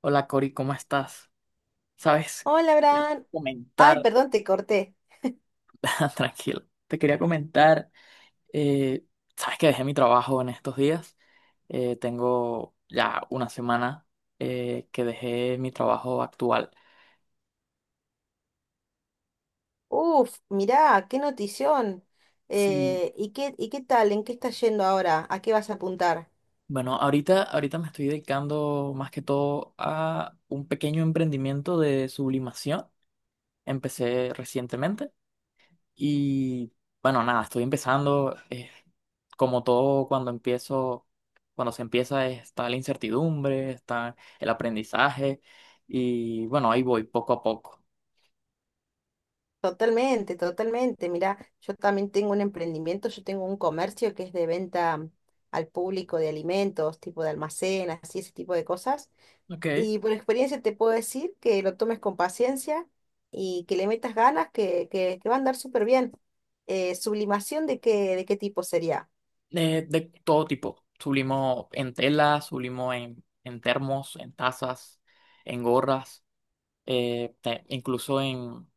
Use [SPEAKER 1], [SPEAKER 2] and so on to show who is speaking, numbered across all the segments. [SPEAKER 1] Hola Cori, ¿cómo estás? Sabes,
[SPEAKER 2] Hola,
[SPEAKER 1] quería
[SPEAKER 2] Abraham. Ay,
[SPEAKER 1] comentar.
[SPEAKER 2] perdón, te corté.
[SPEAKER 1] Tranquilo, te quería comentar, eh, sabes que dejé mi trabajo en estos días. Tengo ya una semana que dejé mi trabajo actual.
[SPEAKER 2] Uf, mirá, qué notición.
[SPEAKER 1] Sí,
[SPEAKER 2] ¿Y qué tal? ¿En qué estás yendo ahora? ¿A qué vas a apuntar?
[SPEAKER 1] bueno, ahorita me estoy dedicando más que todo a un pequeño emprendimiento de sublimación, empecé recientemente. Y bueno, nada, estoy empezando. Como todo, cuando se empieza, está la incertidumbre, está el aprendizaje. Y bueno, ahí voy poco a poco.
[SPEAKER 2] Totalmente, totalmente. Mirá, yo también tengo un emprendimiento, yo tengo un comercio que es de venta al público de alimentos, tipo de almacén, así ese tipo de cosas.
[SPEAKER 1] Ok.
[SPEAKER 2] Y por experiencia te puedo decir que lo tomes con paciencia y que le metas ganas, que va a andar súper bien. ¿Sublimación de qué tipo sería?
[SPEAKER 1] De todo tipo. Sublimo en telas, sublimo en termos, en tazas, en gorras, incluso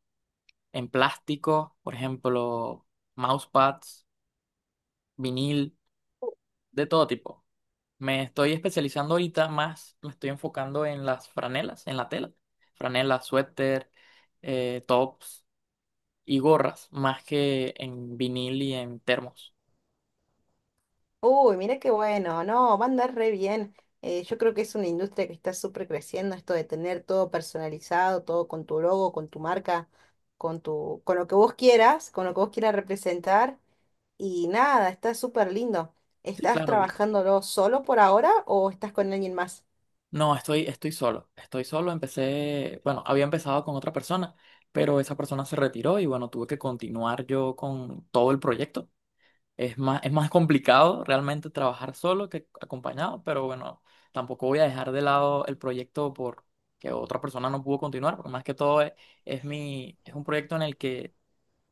[SPEAKER 1] en plástico, por ejemplo, mousepads, vinil, de todo tipo. Me estoy especializando ahorita más, me estoy enfocando en las franelas, en la tela. Franelas, suéter, tops y gorras, más que en vinil y en termos.
[SPEAKER 2] Uy, mira qué bueno, no, va a andar re bien. Yo creo que es una industria que está súper creciendo, esto de tener todo personalizado, todo con tu logo, con tu marca, con lo que vos quieras, con lo que vos quieras representar. Y nada, está súper lindo.
[SPEAKER 1] Sí,
[SPEAKER 2] ¿Estás
[SPEAKER 1] claro, vi.
[SPEAKER 2] trabajándolo solo por ahora o estás con alguien más?
[SPEAKER 1] No, estoy, estoy solo. Estoy solo, empecé, bueno, había empezado con otra persona, pero esa persona se retiró y bueno, tuve que continuar yo con todo el proyecto. Es más complicado realmente trabajar solo que acompañado, pero bueno, tampoco voy a dejar de lado el proyecto por que otra persona no pudo continuar, porque más que todo es mi, es un proyecto en el que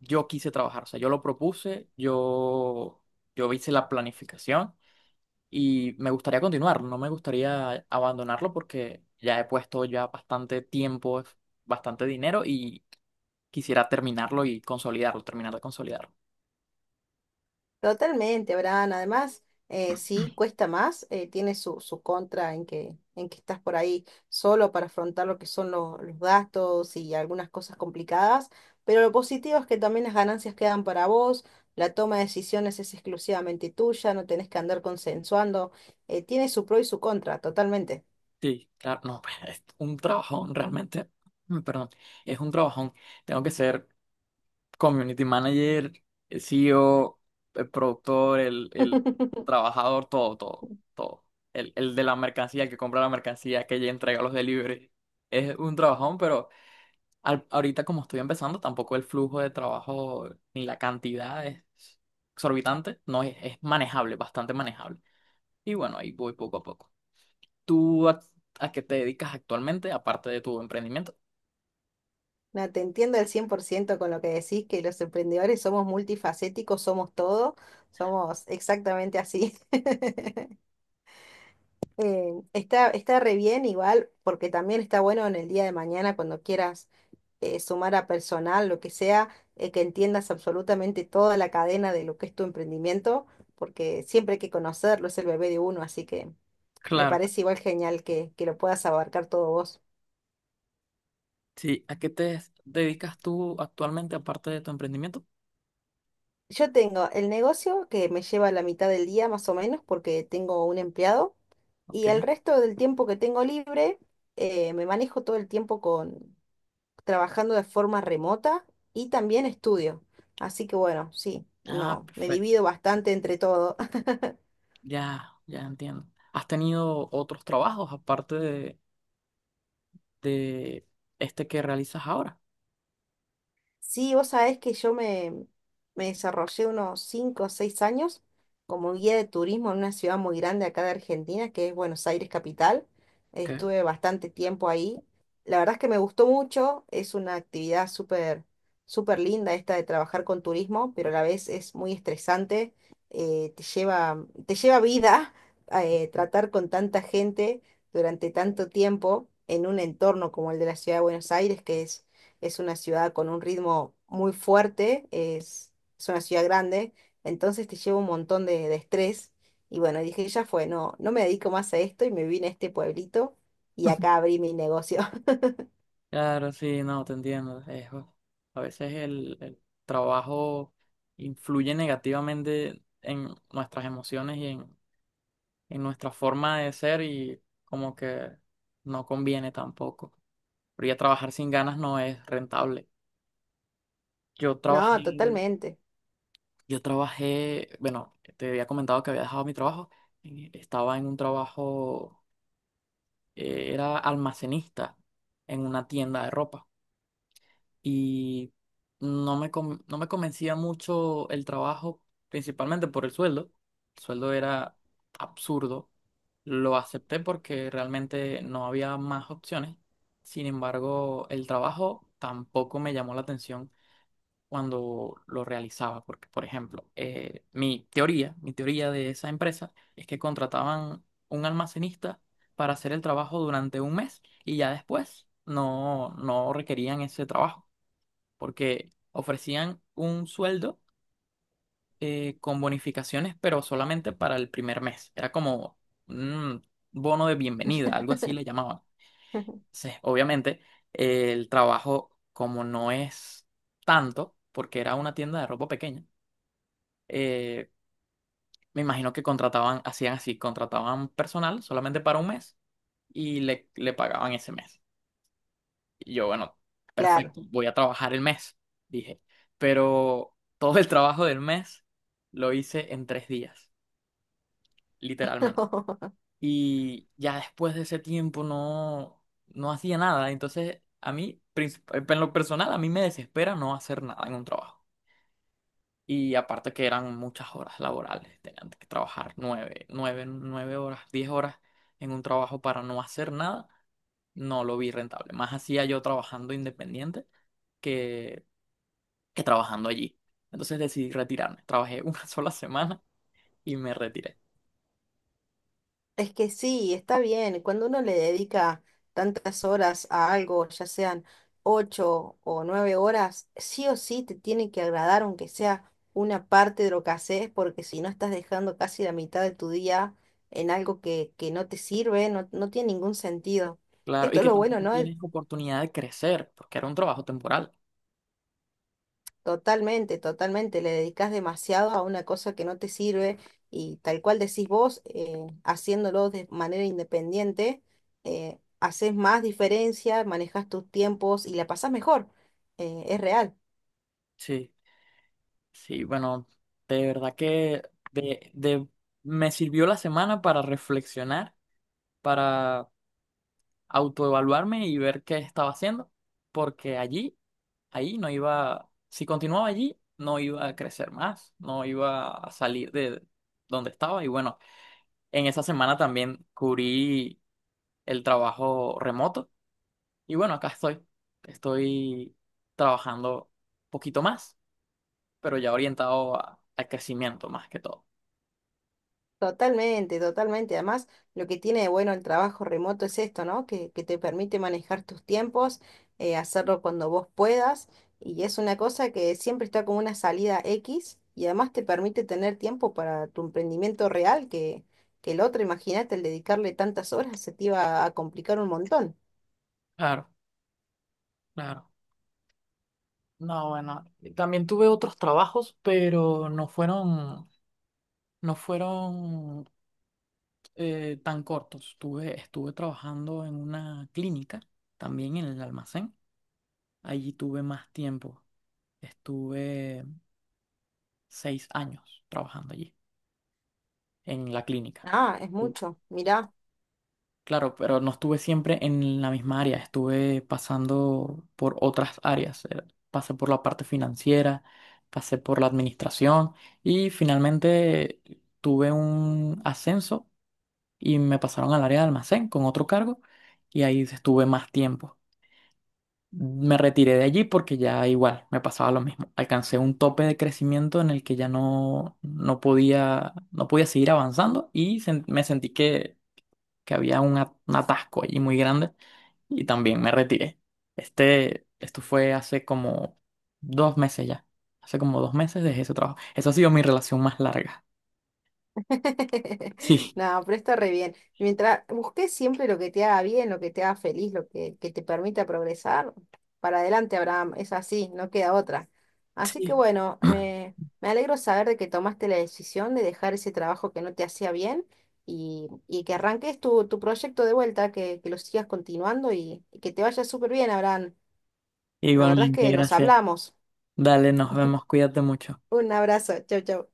[SPEAKER 1] yo quise trabajar, o sea, yo lo propuse, yo hice la planificación y me gustaría continuar, no me gustaría abandonarlo porque ya he puesto ya bastante tiempo, bastante dinero y quisiera terminarlo y consolidarlo, terminar de consolidarlo.
[SPEAKER 2] Totalmente, Abraham. Además, sí, cuesta más, tiene su contra en que estás por ahí solo para afrontar lo que son los gastos y algunas cosas complicadas, pero lo positivo es que también las ganancias quedan para vos, la toma de decisiones es exclusivamente tuya, no tenés que andar consensuando, Tiene su pro y su contra, totalmente.
[SPEAKER 1] Sí, claro, no, pues, es un trabajón realmente. Perdón, es un trabajón. Tengo que ser community manager, el CEO, el productor, el trabajador, todo, todo, todo. El de la mercancía, el que compra la mercancía, que ya entrega los deliveries. Es un trabajón, pero ahorita como estoy empezando, tampoco el flujo de trabajo ni la cantidad es exorbitante, no es, es manejable, bastante manejable. Y bueno, ahí voy poco a poco. ¿Tú a qué te dedicas actualmente, aparte de tu emprendimiento?
[SPEAKER 2] No, te entiendo al 100% con lo que decís, que los emprendedores somos multifacéticos, somos todo, somos exactamente así. Está re bien igual, porque también está bueno en el día de mañana cuando quieras sumar a personal, lo que sea, que entiendas absolutamente toda la cadena de lo que es tu emprendimiento, porque siempre hay que conocerlo, es el bebé de uno, así que me
[SPEAKER 1] Claro,
[SPEAKER 2] parece igual genial que lo puedas abarcar todo vos.
[SPEAKER 1] sí. ¿A qué te dedicas tú actualmente, aparte de tu emprendimiento?
[SPEAKER 2] Yo tengo el negocio que me lleva la mitad del día más o menos, porque tengo un empleado, y
[SPEAKER 1] Ok.
[SPEAKER 2] el resto del tiempo que tengo libre, me manejo todo el tiempo trabajando de forma remota y también estudio. Así que bueno, sí,
[SPEAKER 1] Ah,
[SPEAKER 2] no, me
[SPEAKER 1] perfecto.
[SPEAKER 2] divido bastante entre todo.
[SPEAKER 1] Ya, ya entiendo. ¿Has tenido otros trabajos aparte de este que realizas ahora?
[SPEAKER 2] Sí, vos sabés que yo me desarrollé unos 5 o 6 años como guía de turismo en una ciudad muy grande acá de Argentina, que es Buenos Aires capital.
[SPEAKER 1] Ok.
[SPEAKER 2] Estuve bastante tiempo ahí. La verdad es que me gustó mucho, es una actividad súper súper linda esta de trabajar con turismo, pero a la vez es muy estresante, te lleva vida tratar con tanta gente durante tanto tiempo en un entorno como el de la ciudad de Buenos Aires, que es una ciudad con un ritmo muy fuerte, es una ciudad grande, entonces te lleva un montón de estrés. Y bueno, dije, ya fue, no, no me dedico más a esto y me vine a este pueblito y acá abrí mi negocio.
[SPEAKER 1] Claro, sí, no, te entiendo. A veces el trabajo influye negativamente en nuestras emociones y en nuestra forma de ser y como que no conviene tampoco. Pero ya trabajar sin ganas no es rentable. Yo trabajé,
[SPEAKER 2] No, totalmente,
[SPEAKER 1] yo trabajé, bueno, te había comentado que había dejado mi trabajo. Estaba en un trabajo, era almacenista en una tienda de ropa. Y no me, no me convencía mucho el trabajo, principalmente por el sueldo. El sueldo era absurdo. Lo acepté porque realmente no había más opciones. Sin embargo, el trabajo tampoco me llamó la atención cuando lo realizaba, porque, por ejemplo, mi teoría de esa empresa es que contrataban un almacenista para hacer el trabajo durante un mes y ya después no, no requerían ese trabajo porque ofrecían un sueldo con bonificaciones, pero solamente para el primer mes. Era como un bono de bienvenida, algo así le llamaban. Entonces, obviamente, el trabajo, como no es tanto, porque era una tienda de ropa pequeña, eh, me imagino que contrataban, hacían así, contrataban personal solamente para un mes y le pagaban ese mes. Y yo, bueno,
[SPEAKER 2] claro.
[SPEAKER 1] perfecto, voy a trabajar el mes, dije. Pero todo el trabajo del mes lo hice en 3 días, literalmente. Y ya después de ese tiempo no, no hacía nada. Entonces, a mí, en lo personal, a mí me desespera no hacer nada en un trabajo. Y aparte que eran muchas horas laborales, tenían que trabajar 9 horas, 10 horas en un trabajo para no hacer nada, no lo vi rentable. Más hacía yo trabajando independiente que que trabajando allí. Entonces decidí retirarme. Trabajé una sola semana y me retiré.
[SPEAKER 2] Es que sí, está bien. Cuando uno le dedica tantas horas a algo, ya sean 8 o 9 horas, sí o sí te tiene que agradar, aunque sea una parte de lo que haces, porque si no estás dejando casi la mitad de tu día en algo que no te sirve, no, no tiene ningún sentido.
[SPEAKER 1] Claro, y
[SPEAKER 2] Esto es
[SPEAKER 1] que
[SPEAKER 2] lo bueno,
[SPEAKER 1] tampoco
[SPEAKER 2] ¿no?
[SPEAKER 1] tienes oportunidad de crecer, porque era un trabajo temporal.
[SPEAKER 2] Totalmente, totalmente. Le dedicas demasiado a una cosa que no te sirve y tal cual decís vos, haciéndolo de manera independiente, haces más diferencia, manejas tus tiempos y la pasás mejor. Es real.
[SPEAKER 1] Sí, sí, bueno, de verdad que de, de, me sirvió la semana para reflexionar, para autoevaluarme y ver qué estaba haciendo, porque allí, ahí no iba, si continuaba allí, no iba a crecer más, no iba a salir de donde estaba. Y bueno, en esa semana también cubrí el trabajo remoto. Y bueno, acá estoy. Estoy trabajando un poquito más, pero ya orientado al crecimiento más que todo.
[SPEAKER 2] Totalmente, totalmente. Además, lo que tiene de bueno el trabajo remoto es esto, ¿no? Que te permite manejar tus tiempos, hacerlo cuando vos puedas, y es una cosa que siempre está como una salida X, y además te permite tener tiempo para tu emprendimiento real, que el otro, imagínate, el dedicarle tantas horas se te iba a complicar un montón.
[SPEAKER 1] Claro, claro. No, bueno, también tuve otros trabajos, pero no fueron tan cortos. Estuve trabajando en una clínica, también en el almacén. Allí tuve más tiempo. Estuve 6 años trabajando allí, en la clínica.
[SPEAKER 2] Ah, es mucho. Mirá.
[SPEAKER 1] Claro, pero no estuve siempre en la misma área, estuve pasando por otras áreas. Pasé por la parte financiera, pasé por la administración y finalmente tuve un ascenso y me pasaron al área de almacén con otro cargo y ahí estuve más tiempo. Me retiré de allí porque ya igual me pasaba lo mismo. Alcancé un tope de crecimiento en el que ya no, no podía, no podía seguir avanzando y me sentí que había un atasco allí muy grande y también me retiré. Esto fue hace como 2 meses ya. Hace como dos meses dejé ese trabajo. Eso ha sido mi relación más larga. Sí,
[SPEAKER 2] No, pero está re bien. Mientras busques siempre lo que te haga bien, lo que te haga feliz, que te permita progresar, para adelante, Abraham, es así, no queda otra. Así que
[SPEAKER 1] sí.
[SPEAKER 2] bueno, me alegro saber de que tomaste la decisión de dejar ese trabajo que no te hacía bien y que arranques tu proyecto de vuelta, que lo sigas continuando y que te vaya súper bien, Abraham. La verdad es
[SPEAKER 1] Igualmente,
[SPEAKER 2] que nos
[SPEAKER 1] gracias.
[SPEAKER 2] hablamos.
[SPEAKER 1] Dale, nos vemos, cuídate mucho.
[SPEAKER 2] Un abrazo, chau, chau.